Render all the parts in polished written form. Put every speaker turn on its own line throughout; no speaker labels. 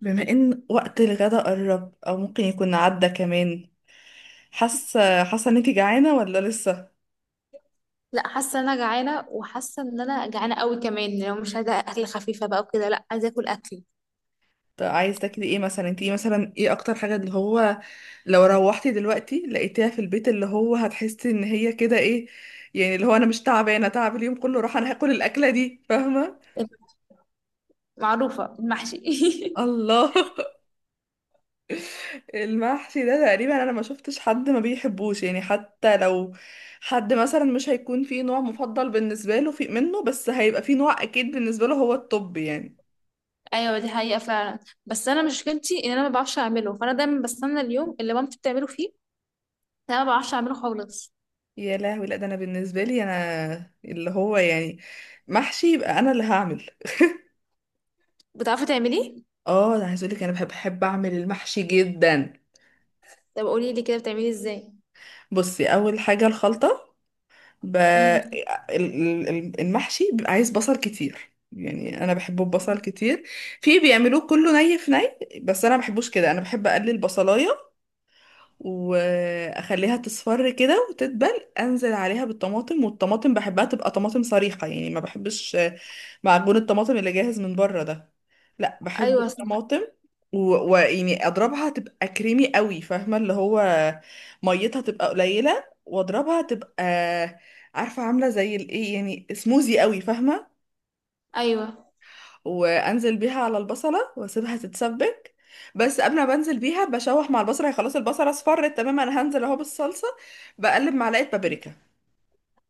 بما ان وقت الغدا قرب او ممكن يكون عدى كمان. حاسه ان انت جعانه ولا لسه؟
لا، حاسه ان انا جعانه وحاسه ان انا جعانه قوي كمان. لو مش عايزه اكل خفيفه بقى وكده، لا، عايزه اكل اكل
طب عايز تاكلي ايه مثلا؟ انت ايه مثلا، ايه اكتر حاجه اللي هو لو روحتي دلوقتي لقيتيها في البيت اللي هو هتحسي ان هي كده، ايه يعني اللي هو انا مش تعبانه، تعب اليوم كله راح، انا هاكل الاكله دي، فاهمه؟
معروفه، المحشي.
الله! المحشي ده تقريبا انا ما شفتش حد ما بيحبوش يعني، حتى لو حد مثلا مش هيكون فيه نوع مفضل بالنسبه له في منه، بس هيبقى فيه نوع اكيد بالنسبه له هو، الطب يعني.
ايوه، دي حقيقه فعلا. بس انا مشكلتي ان انا ما بعرفش اعمله، فانا دايما بستنى اليوم اللي مامتي بتعمله فيه. انا ما بعرفش اعمله خالص.
يا لهوي، لا ده انا بالنسبه لي انا اللي هو يعني محشي يبقى انا اللي هعمل.
بتعرفي تعمليه؟
اه، انا عايز اقول لك انا بحب اعمل المحشي جدا.
طب قولي لي كده، بتعمليه ازاي؟
بصي، اول حاجه الخلطه.
امم.
المحشي بيبقى عايز بصل كتير، يعني انا بحبه ببصل كتير. في بيعملوه كله ني في ني، بس انا ما بحبوش كده، انا بحب اقلل بصلايه واخليها تصفر كده وتدبل، انزل عليها بالطماطم، والطماطم بحبها تبقى طماطم صريحه يعني، ما بحبش معجون الطماطم اللي جاهز من بره ده، لا بحب
ايوه صح.
الطماطم. و- ويعني اضربها تبقى كريمي قوي، فاهمه اللي هو ميتها تبقى قليله واضربها تبقى، عارفه عامله زي الايه، يعني سموزي قوي فاهمه.
ايوه،
وانزل بيها على البصله واسيبها تتسبك. بس قبل ما بنزل بيها بشوح مع البصله، هي خلاص البصله اصفرت تماما، انا هنزل اهو بالصلصه، بقلب معلقه بابريكا.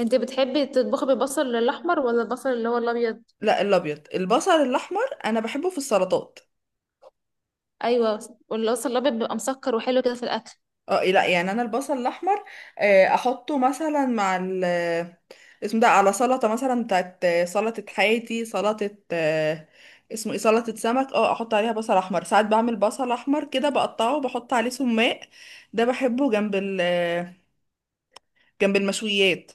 انت بتحبي تطبخي بالبصل الاحمر ولا البصل اللي هو الابيض؟
لا الابيض، البصل الاحمر انا بحبه في السلطات.
ايوه، والبصل الابيض بيبقى مسكر وحلو كده في الاكل.
اه لا يعني انا البصل الاحمر، احطه مثلا مع ال اسمه ده، على سلطه مثلا بتاعت، سلطه حياتي، سلطه اسمه ايه، سلطه سمك، اه احط عليها بصل احمر. ساعات بعمل بصل احمر كده بقطعه وبحط عليه سماق، ده بحبه جنب ال جنب المشويات.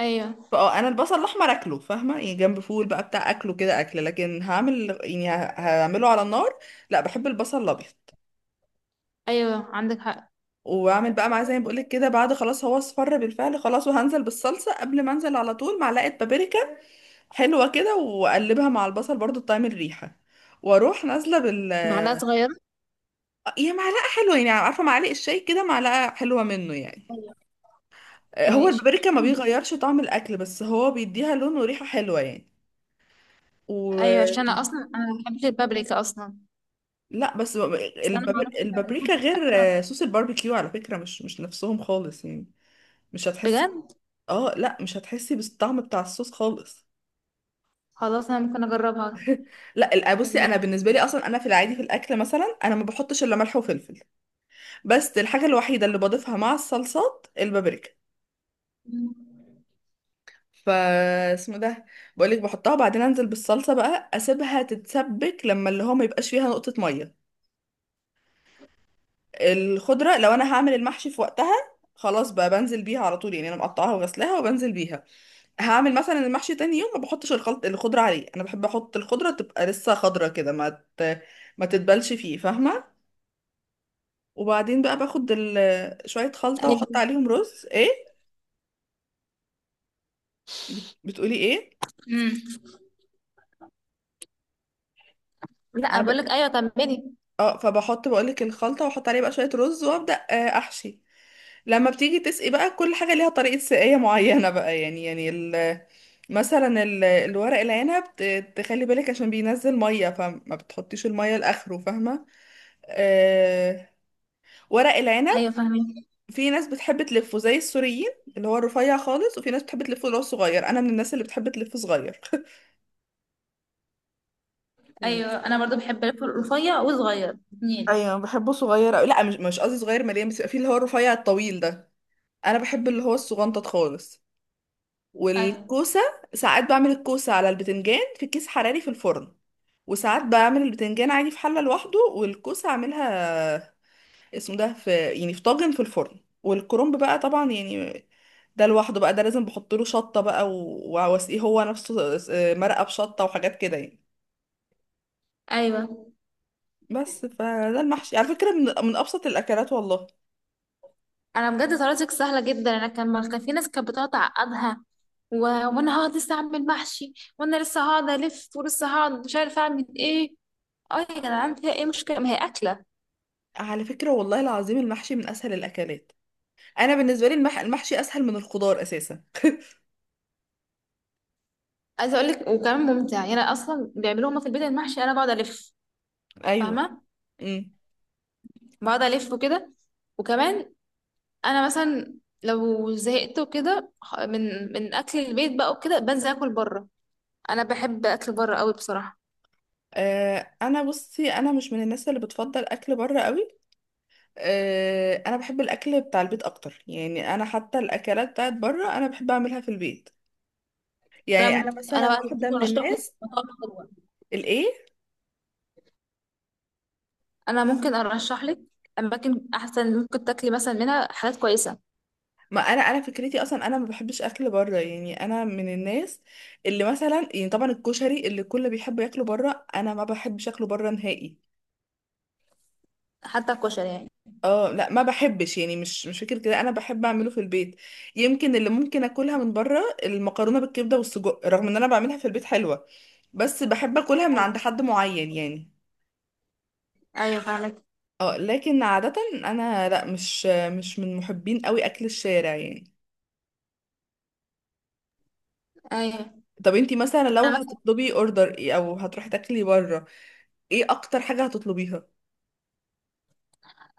ايوه.
فاه انا البصل الاحمر اكله فاهمه، يعني جنب فول بقى بتاع، اكله كده اكل، لكن هعمل يعني هعمله على النار، لا بحب البصل الابيض.
ايوه، عندك حق.
واعمل بقى معاه زي ما بقولك كده، بعد خلاص هو اصفر بالفعل خلاص، وهنزل بالصلصه. قبل ما انزل على طول معلقه بابريكا حلوه كده، واقلبها مع البصل برضو تطعم الريحه، واروح نازله بال،
معلقة صغيرة.
هي معلقه حلوه يعني، عارفه معلقه الشاي كده، معلقه حلوه منه يعني.
ايوه.
هو
ماشي.
البابريكا ما بيغيرش طعم الاكل، بس هو بيديها لون وريحه حلوه يعني. و
ايوه، عشان انا اصلا انا ما بحبش البابريكا اصلا.
لا بس
بس انا ما اعرفش بقى اذا
البابريكا
كنت
غير
بتبقى حلوه ولا لا.
صوص الباربيكيو على فكره، مش مش نفسهم خالص يعني. مش هتحسي.
بجد.
اه لا مش هتحسي بالطعم بتاع الصوص خالص.
خلاص، انا ممكن اجربها.
لا بصي
كملي.
انا بالنسبه لي اصلا انا في العادي في الاكل مثلا، انا ما بحطش الا ملح وفلفل، بس الحاجه الوحيده اللي بضيفها مع الصلصات البابريكا. ف اسمه ده، بقولك بحطها وبعدين انزل بالصلصه بقى، اسيبها تتسبك لما اللي هو ما يبقاش فيها نقطه ميه. الخضره، لو انا هعمل المحشي في وقتها خلاص بقى بنزل بيها على طول، يعني انا مقطعاها وغسلاها وبنزل بيها. هعمل مثلا المحشي تاني يوم ما بحطش الخلط الخضره عليه، انا بحب احط الخضره تبقى لسه خضره كده، ت... ما تتبلش فيه فاهمه. وبعدين بقى باخد شوية خلطة واحط
ايوه.
عليهم رز، ايه بتقولي ايه؟
امم. لا،
انا ب...
بقول لك ايوه، كملي.
اه فبحط بقولك الخلطة واحط عليه بقى شوية رز، وابدأ احشي. لما بتيجي تسقي بقى، كل حاجة ليها طريقة سقاية معينة بقى يعني، مثلا الورق العنب تخلي بالك عشان بينزل مية، فما بتحطيش المية لآخره فاهمة. أه... ورق العنب،
ايوه، فاهمين.
في ناس بتحب تلفه زي السوريين، اللي هو الرفيع خالص، وفي ناس بتحب تلفه اللي هو الصغير، انا من الناس اللي بتحب تلفه صغير.
ايوه، انا برضو بحب الفول الرفيع والصغير اتنين.
ايوه بحبه صغير أوي. لا مش مش قصدي صغير مليان، بس يبقى فيه اللي هو الرفيع الطويل ده، انا بحب اللي هو الصغنطط خالص.
ايوه.
والكوسه، ساعات بعمل الكوسه على البتنجان في كيس حراري في الفرن، وساعات بعمل البتنجان عادي في حله لوحده، والكوسه اعملها اسمه ده، في يعني في طاجن في الفرن. والكرنب بقى طبعا يعني، ده لوحده بقى، ده لازم بحط له شطه بقى، واسقيه هو نفسه مرقه بشطه وحاجات كده يعني.
ايوه،
بس فده المحشي على فكره، من ابسط الاكلات والله.
انا بجد طريقتك سهله جدا. انا كان ما- كان في ناس كانت بتقعد تعقدها. و... وانا هقعد لسه اعمل محشي. وانا لسه هقعد الف ولسه هقعد مش عارفه اعمل ايه. اه يا جدعان، فيها ايه مشكلة؟ ما هي أكلة.
على فكرة والله العظيم المحشي من أسهل الأكلات، أنا بالنسبة لي المحشي أسهل من الخضار أساسا.
عايزة اقول لك، وكمان ممتع، يعني أنا أصلا بيعملوه هما في البيت المحشي، أنا بقعد ألف.
أيوه.
فاهمة؟
امم.
بقعد ألف وكده. وكمان. أنا مثلا لو زهقت وكده، من أكل البيت بقى وكده، بنزل أكل بره. أنا بحب أكل بره قوي بصراحة.
آه أنا بصي، أنا مش من الناس اللي بتفضل أكل بره قوي. آه أنا بحب الأكل بتاع البيت أكتر، يعني أنا حتى الأكلات بتاعت بره أنا بحب أعملها في البيت،
أنا
يعني أنا
م-
مثلا
أنا بقى
واحدة
ممكن
من
أرشح لك
الناس.
مطاعم حلوة.
الإيه؟
أنا ممكن أرشح لك أماكن أحسن، ممكن تاكلي مثلا منها حاجات كويسة.
ما أنا فكرتي أصلا، أنا ما بحبش أكل بره، يعني أنا من الناس اللي مثلا يعني، طبعا الكشري اللي كله بيحب ياكله بره، أنا ما بحبش أكله بره نهائي.
حتى الكشري يعني؟
اه لا ما بحبش يعني، مش مش فكرة كده، انا بحب اعمله في البيت. يمكن اللي ممكن اكلها من بره المكرونة بالكبدة والسجق، رغم ان انا بعملها في البيت حلوة، بس بحب اكلها من
أيوة.
عند حد معين يعني.
أيوة، فاهمك.
اه لكن عادة انا لا، مش مش من محبين قوي اكل الشارع يعني.
أيوه،
طب انتي مثلا لو
أنا
هتطلبي اوردر ايه، او هتروحي تاكلي بره، ايه اكتر حاجة هتطلبيها؟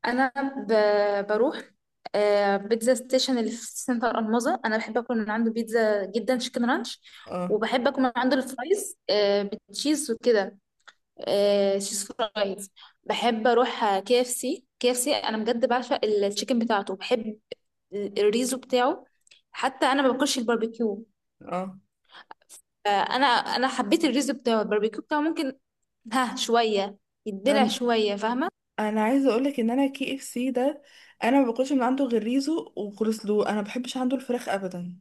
انا بروح بيتزا ستيشن اللي في سنتر الماظة. انا بحب اكل من عنده بيتزا جدا، شيكن رانش.
اه
وبحب اكل من عنده الفرايز بالتشيز وكده، تشيز فرايز. بحب اروح KFC. KFC انا بجد بعشق التشيكن بتاعته. بحب الريزو بتاعه. حتى انا ما باكلش الباربيكيو،
اه،
فانا حبيت الريزو بتاعه. الباربيكيو بتاعه ممكن، ها، شويه يدلع
انا
شويه، فاهمه؟
أنا عايزه اقولك ان انا كي اف سي ده، انا ما باكلش من عنده غير ريزو وكولسلو، انا ما بحبش عنده الفراخ ابدا.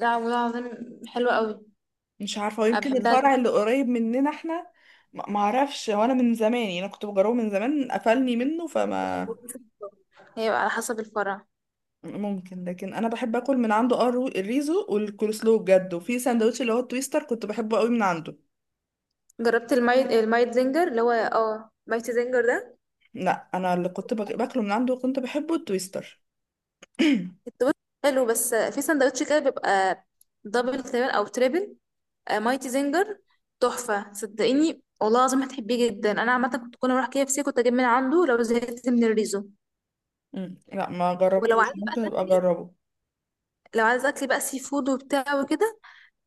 لا والله العظيم حلوه قوي،
مش عارفة،
انا
ويمكن
بحبها.
الفرع اللي قريب مننا احنا، ما اعرفش، هو انا من زمان يعني، انا كنت بجربه من زمان قفلني منه، فما
هيبقى على حسب الفرع.
ممكن، لكن انا بحب اكل من عنده اه الريزو والكولسلو بجد، وفي ساندوتش اللي هو التويستر كنت بحبه قوي من عنده.
جربت المايد زنجر، اللي هو مايت زنجر ده؟
لا انا اللي كنت باكله من عنده وكنت بحبه التويستر.
التوست حلو، بس في سندوتش كده بيبقى دبل تقريبا او تريبل. مايتي زنجر، تحفة، صدقيني والله العظيم هتحبيه جدا. انا عامة كنت كل ما اروح KFC كنت اجيب من عنده لو زهقت من الريزو.
مم. لا ما
ولو
جربتوش،
عايزة بقى
ممكن ابقى
تاكلي،
اجربه.
لو عايزة اكل بقى سي فود وبتاع وكده،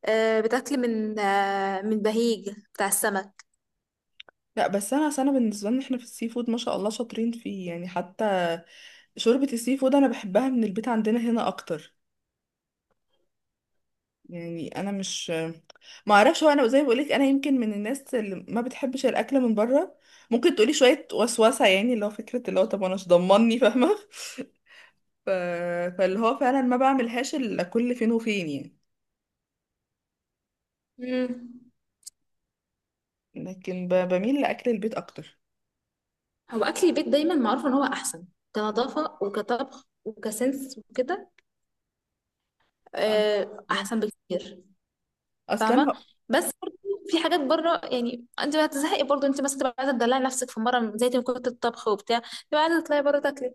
بتاكلي من بهيج بتاع السمك.
لا بس انا أصل انا بالنسبه لنا احنا في السي فود ما شاء الله شاطرين فيه يعني، حتى شوربه السي فود انا بحبها من البيت عندنا هنا اكتر، يعني انا مش، ما اعرفش هو انا زي ما بقولك، انا يمكن من الناس اللي ما بتحبش الاكل من بره، ممكن تقولي شويه وسوسه يعني، اللي هو فكره اللي هو طب انا مش ضمني فاهمه. ف... فاللي هو فعلا ما بعملهاش الا كل فين وفين يعني،
مم.
لكن بميل لاكل البيت اكتر.
هو اكل البيت دايما معروف ان هو احسن، كنظافه وكطبخ وكسنس وكده،
أه. مم.
احسن بكتير.
اصلا
فاهمه؟
انا،
بس برضه في حاجات بره، يعني انت هتزهقي برضه، انت مثلا تبقى عايزه تدلعي نفسك في مره، زي ما كنت الطبخ وبتاع، تبقى عايزه تطلعي بره تاكلي.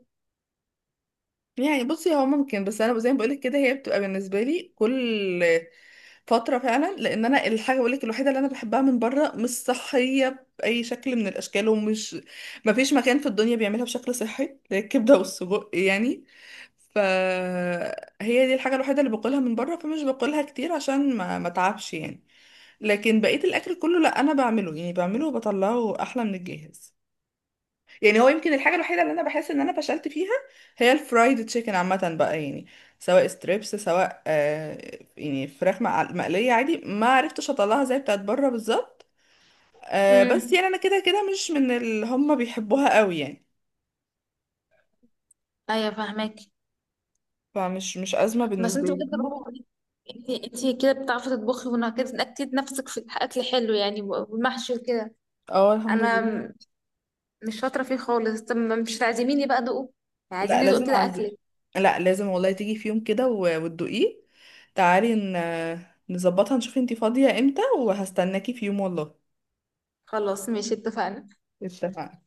يعني بصي هو ممكن، بس انا زي ما بقولك كده هي بتبقى بالنسبه لي كل فترة فعلا، لان انا الحاجة بقول لك الوحيدة اللي انا بحبها من بره مش صحية بأي شكل من الاشكال، ومش مفيش مكان في الدنيا بيعملها بشكل صحي اللي هي الكبدة والسجق يعني، فهي دي الحاجة الوحيدة اللي باكلها من بره، فمش باكلها كتير عشان ما اتعبش يعني. لكن بقية الاكل كله لا انا بعمله، يعني بعمله وبطلعه احلى من الجاهز. يعني هو يمكن الحاجة الوحيدة اللي انا بحس ان انا فشلت فيها هي الفرايد تشيكن عامة بقى يعني، سواء ستريبس سواء آه يعني فراخ مقلية عادي، ما عرفتش اطلعها زي بتاعت بره بالظبط. آه بس
امم.
يعني انا كده كده مش من اللي هم بيحبوها قوي يعني،
ايوه، فاهماك.
فمش مش أزمة
بس
بالنسبة
انت
لي
بجد
فاهمة؟
برافو عليكي. انت انت كده بتعرفي تطبخي ونكدت نفسك في اكل حلو يعني، والمحشي وكده.
اه الحمد
انا
لله.
مش شاطره فيه خالص. طب مش عازميني بقى دوقه؟
لا
عايزين ندوق كده اكلك.
لا لازم والله تيجي في يوم كده وتدوقيه، تعالي نظبطها نشوف انتي فاضية امتى، وهستناكي في يوم والله.
خلاص، ماشي، اتفقنا.
اتفقنا.